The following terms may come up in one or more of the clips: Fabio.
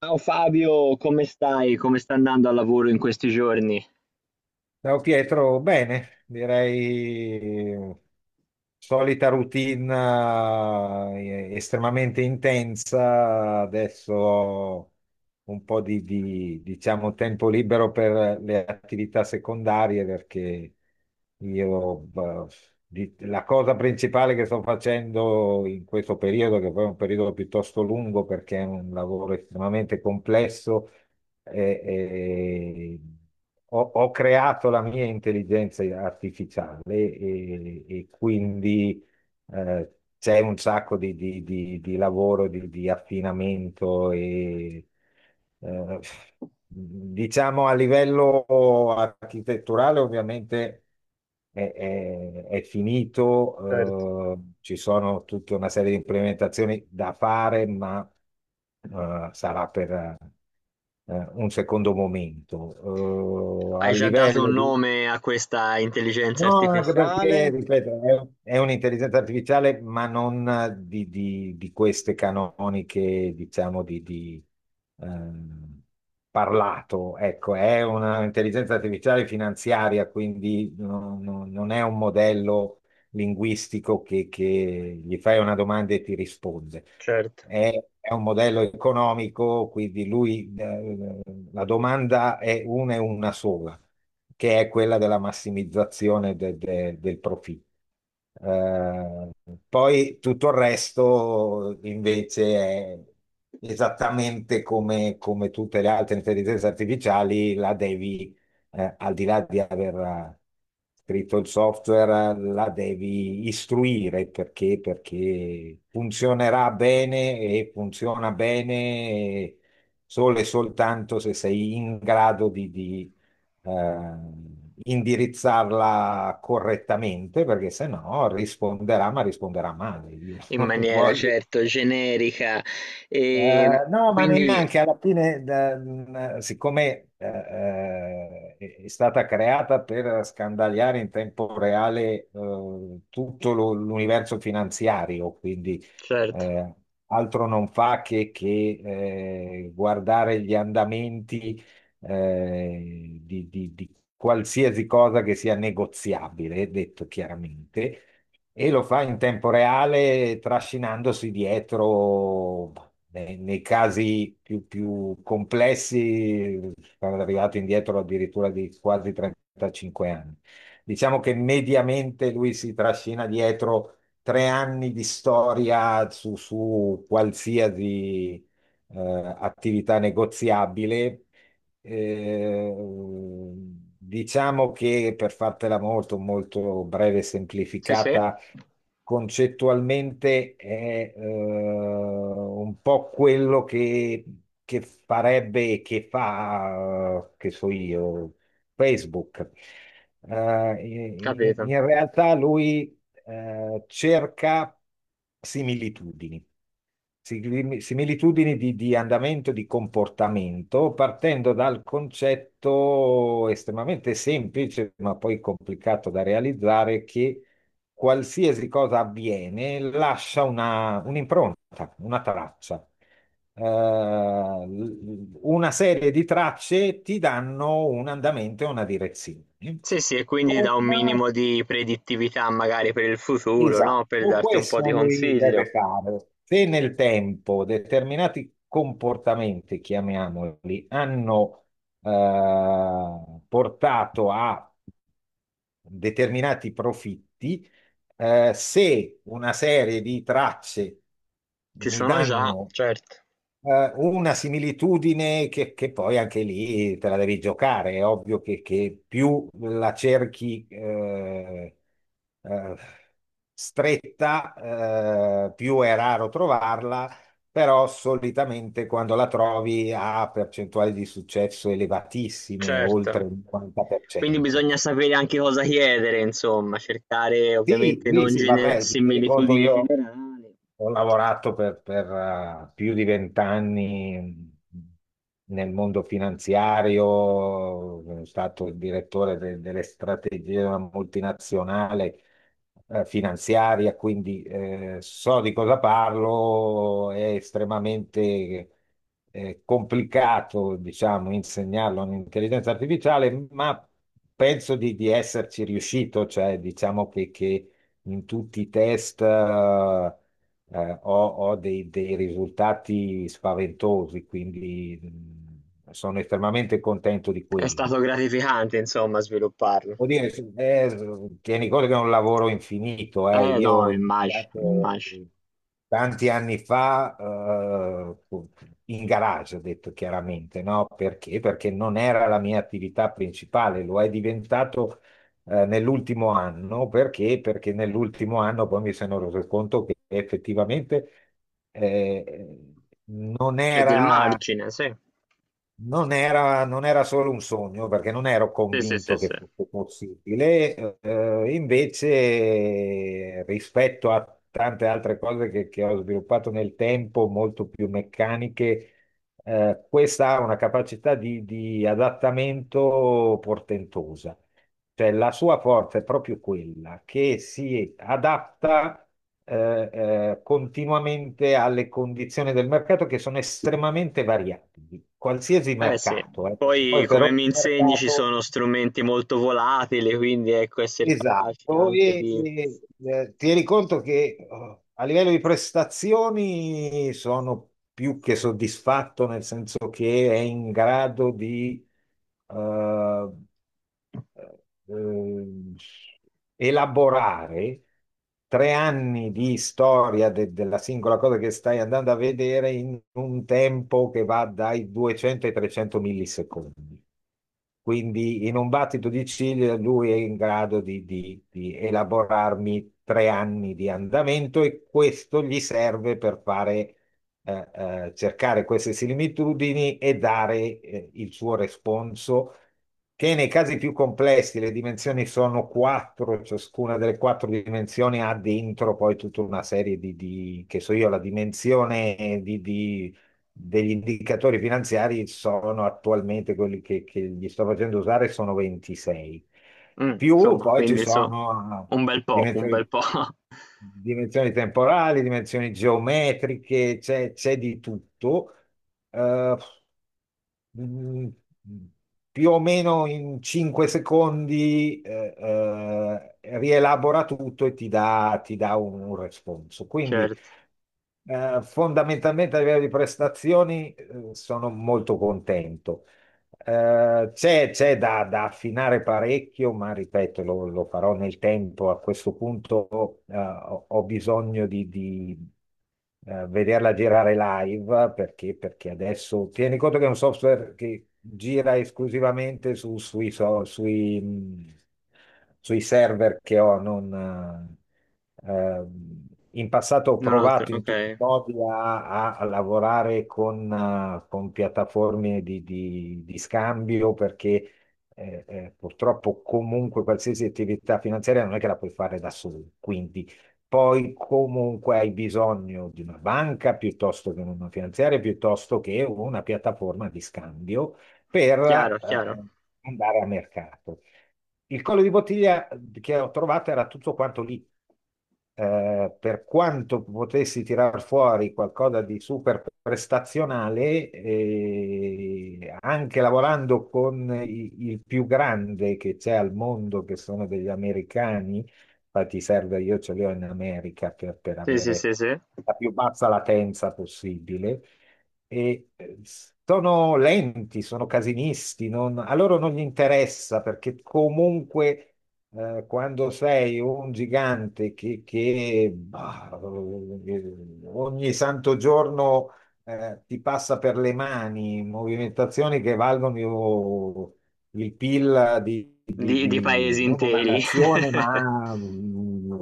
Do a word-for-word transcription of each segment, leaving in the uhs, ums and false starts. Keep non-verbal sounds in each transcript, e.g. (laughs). Ciao Fabio, come stai? Come sta andando al lavoro in questi giorni? Ciao Pietro, bene, direi eh, solita routine eh, estremamente intensa. Adesso ho un po' di, di, diciamo, tempo libero per le attività secondarie, perché io beh, di- la cosa principale che sto facendo in questo periodo, che poi è un periodo piuttosto lungo perché è un lavoro estremamente complesso, eh, eh, ho, ho creato la mia intelligenza artificiale, e, e quindi eh, c'è un sacco di, di- di- di lavoro, di, di affinamento. E eh, diciamo, a livello architetturale ovviamente è, è- è Certo. finito. Eh, ci sono tutta una serie di implementazioni da fare, ma eh, sarà per eh, un secondo momento. Eh, a Hai già dato un livello di. nome a questa intelligenza No, anche perché, artificiale? ripeto, è, è un'intelligenza artificiale, ma non eh, di, di- di queste canoniche, diciamo, di, di, ehm, parlato. Ecco, è un'intelligenza artificiale finanziaria, quindi no- no- non è un modello linguistico che, che gli fai una domanda e ti risponde. Certo. È, è un modello economico, quindi lui, eh, la domanda è una e una sola, che è quella della massimizzazione de- de- del profitto. Eh, Poi tutto il resto invece è esattamente come, come tutte le altre intelligenze artificiali. La devi, eh, al di là di aver eh, scritto il software, eh, la devi istruire, perché, perché funzionerà bene. E funziona bene solo e soltanto se sei in grado di di- eh, indirizzarla correttamente, perché se no risponderà, ma risponderà male. Io (laughs) In non maniera voglio certo generica. E eh, no, ma quindi, neanche alla fine. Da- mh, siccome eh, eh, è stata creata per scandagliare in tempo reale eh, tutto lo- l'universo finanziario. Quindi certo, eh, altro non fa che, che, eh, guardare gli andamenti eh, di, di di qualsiasi cosa che sia negoziabile, detto chiaramente. E lo fa in tempo reale, trascinandosi dietro, nei, nei casi più, più complessi, sono arrivato indietro addirittura di quasi trentacinque anni. Diciamo che mediamente lui si trascina dietro tre anni di storia su, su qualsiasi eh, attività negoziabile. eh, diciamo che, per fartela molto, molto breve e sì, sì, semplificata, concettualmente è eh, un po' quello che, che farebbe e che fa, eh, che so io, Facebook. Eh, in, capito. in realtà lui eh, cerca similitudini. Sigli- similitudini di, di andamento, di comportamento, partendo dal concetto estremamente semplice, ma poi complicato da realizzare, che qualsiasi cosa avviene lascia una- un'impronta, una traccia. Eh, l- una serie di tracce ti danno un andamento e una direzione. Sì, sì, e quindi da Con un minimo di predittività magari per il futuro, no? Per Esatto, darti un po' questo di lui deve consiglio. fare. Se nel tempo determinati comportamenti, chiamiamoli, hanno eh, portato a determinati profitti, eh, se una serie di tracce Ci mi sono già, danno certo, eh, una similitudine che, che poi anche lì te la devi giocare, è ovvio che, che più la cerchi eh, eh, stretta, eh, più è raro trovarla. Però solitamente, quando la trovi, ha percentuali di successo elevatissime, certo. oltre il Quindi cinquanta per cento. bisogna sapere anche cosa chiedere, insomma, cercare Sì, ovviamente sì, non sì, gene- vabbè, ti rendi conto. similitudini Io generali. ho Certo. lavorato per, per, eh, più di vent'anni nel mondo finanziario. Sono stato il direttore de- delle strategie di una multinazionale eh, finanziaria. Quindi eh, so di cosa parlo. È estremamente eh, complicato, diciamo, insegnarlo all'intelligenza artificiale, ma penso di, di esserci riuscito. Cioè, diciamo che, che in tutti i test eh, eh, ho, ho dei, dei risultati spaventosi. Quindi mh, sono estremamente contento di È quello. stato gratificante, insomma, svilupparlo. Vuol dire, sì, eh, tieni conto che è un lavoro infinito, eh. Eh Io no, ho mi immagino, mi iniziato immagino. tanti anni fa, eh, in garage, ho detto chiaramente, no? Perché? Perché non era la mia attività principale, lo è diventato eh, nell'ultimo anno. Perché? Perché nell'ultimo anno poi mi sono reso conto che effettivamente eh, non C'è del era. margine, sì. Non era, non era solo un sogno, perché non ero Sì, sì, sì, convinto sì. che fosse possibile. Eh, invece rispetto a tante altre cose che, che ho sviluppato nel tempo, molto più meccaniche, eh, questa ha una capacità di, di adattamento portentosa. Cioè, la sua forza è proprio quella, che si adatta eh, eh, continuamente alle condizioni del mercato, che sono estremamente variabili. Qualsiasi Eh sì. mercato, eh, perché Poi, poi per come ogni mi insegni, ci sono mercato. strumenti molto volatili, quindi ecco, essere capaci Esatto, anche e, di... e, eh, tieni conto che eh, a livello di prestazioni sono più che soddisfatto, nel senso che è in grado di eh, eh, elaborare tre anni di storia de- della singola cosa che stai andando a vedere, in un tempo che va dai duecento ai trecento millisecondi. Quindi in un battito di ciglia lui è in grado di, di- di elaborarmi tre anni di andamento, e questo gli serve per fare, eh, eh, cercare queste similitudini e dare, eh, il suo responso, che nei casi più complessi le dimensioni sono quattro. Ciascuna delle quattro dimensioni ha dentro poi tutta una serie di, di- che so io, la dimensione di di degli indicatori finanziari. Sono attualmente quelli che, che gli sto facendo usare, sono ventisei. Mm, Più insomma, poi ci quindi insomma, sono un bel eh, po', un bel dimensioni, po'. (laughs) dimensioni temporali, dimensioni geometriche. C'è c'è di tutto. Eh, mm, Più o meno in cinque secondi eh, eh, rielabora tutto e ti dà, ti dà un, un responso. Quindi Certo, eh, fondamentalmente a livello di prestazioni eh, sono molto contento. Eh, c'è c'è da, da affinare parecchio, ma ripeto, lo, lo farò nel tempo. A questo punto eh, ho, ho bisogno di, di, eh, vederla girare live, perché, perché adesso tieni conto che è un software che gira esclusivamente su- sui, so- sui, mh, sui server che ho. Non, eh, ehm, in passato ho non altro, provato in ok. tutti i modi a, a- a lavorare con, eh, con piattaforme di, di- di scambio, perché eh, eh, purtroppo comunque qualsiasi attività finanziaria non è che la puoi fare da solo. Quindi poi comunque hai bisogno di una banca, piuttosto che una finanziaria, piuttosto che una piattaforma di scambio, per Chiaro, chiaro. eh, andare a mercato. Il collo di bottiglia che ho trovato era tutto quanto lì, eh, per quanto potessi tirar fuori qualcosa di super prestazionale. Eh, anche lavorando con i- il più grande che c'è al mondo, che sono degli americani. Infatti serve, io ce li ho in America per, per Sì, sì, avere sì, sì. la più bassa latenza possibile. E eh, sono lenti, sono casinisti, non- a loro non gli interessa, perché comunque eh, quando sei un gigante che, che, bah, eh, ogni santo giorno eh, ti passa per le mani movimentazioni che valgono il PIL di, di- Di di di paesi non una interi. (laughs) nazione, ma mm,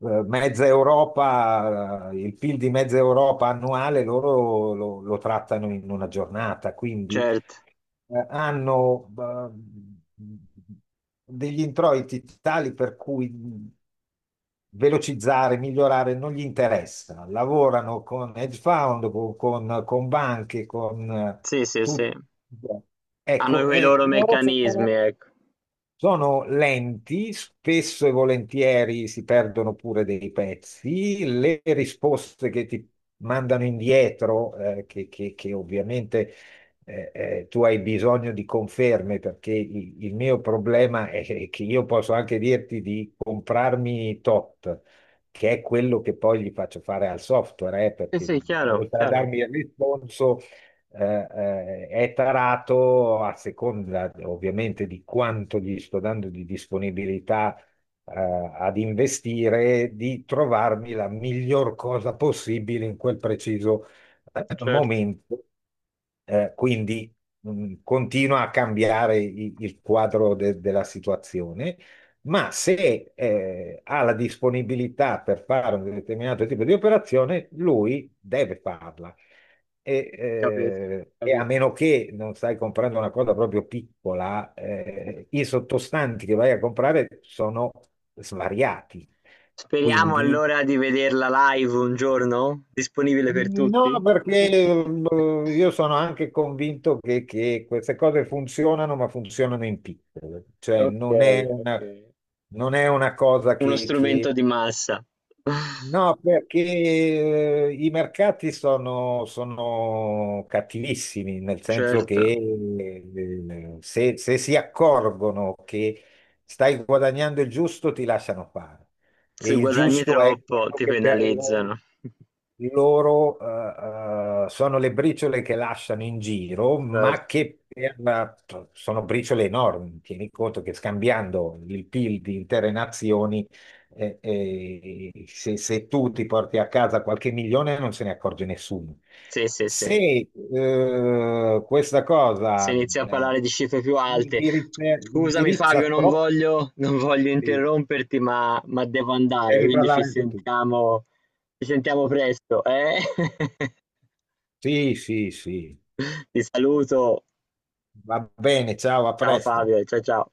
eh, mezza Europa. Eh, il PIL di mezza Europa annuale, loro lo, lo trattano in una giornata. Quindi Certo. eh, hanno eh, degli introiti tali per cui mh, velocizzare, migliorare non gli interessa. Lavorano con hedge fund, con, con- con banche, con eh, Sì, sì, sì. tutti. Hanno Ecco, quei eh, loro loro meccanismi, sono ecco. sono lenti, spesso e volentieri si perdono pure dei pezzi. Le risposte che ti mandano indietro, eh, che, che- che ovviamente eh, eh, tu hai bisogno di conferme, perché i- il mio problema è che io posso anche dirti di comprarmi tot, che è quello che poi gli faccio fare al software, eh, Sì, perché sì, chiaro, oltre a chiaro, darmi il responso eh, eh, è tarato, a seconda ovviamente di quanto gli sto dando di disponibilità eh, ad investire, di trovarmi la miglior cosa possibile in quel preciso eh, certo. momento. Eh, quindi mh, continua a cambiare i- il quadro de- della situazione, ma se eh, ha la disponibilità per fare un determinato tipo di operazione, lui deve farla. E, Capito, eh, E a capito. meno che non stai comprando una cosa proprio piccola, eh, i sottostanti che vai a comprare sono svariati. Speriamo Quindi, allora di vederla live un giorno, disponibile per tutti. no, perché eh, (laughs) io sono anche convinto che, che queste cose funzionano, ma funzionano in piccolo. Cioè, non è Okay, una, okay. non è una cosa Uno che, strumento che di massa. (laughs) no, perché eh, i mercati sono, sono cattivissimi, nel senso Certo. che eh, se, se si accorgono che stai guadagnando il giusto, ti lasciano fare. Se E il guadagni giusto è troppo quello ti che per loro, penalizzano. (laughs) loro, eh, eh, sono le briciole che lasciano in giro, ma Certo. che per- sono briciole enormi. Tieni conto che, scambiando il PIL di intere nazioni, e- e se, se tu ti porti a casa qualche milione, non se ne accorge nessuno. Sì, sì, sì. Se eh, questa cosa Se inizi a eh, parlare di cifre più alte. indirizza, Scusami Fabio, indirizza non troppi, voglio, non voglio devi interromperti, ma, ma devo andare, quindi ci parlare anche tu. sentiamo, ci sentiamo presto, eh? Sì, sì, sì. (laughs) Ti saluto. Va bene, ciao, a Ciao presto. Fabio, ciao ciao.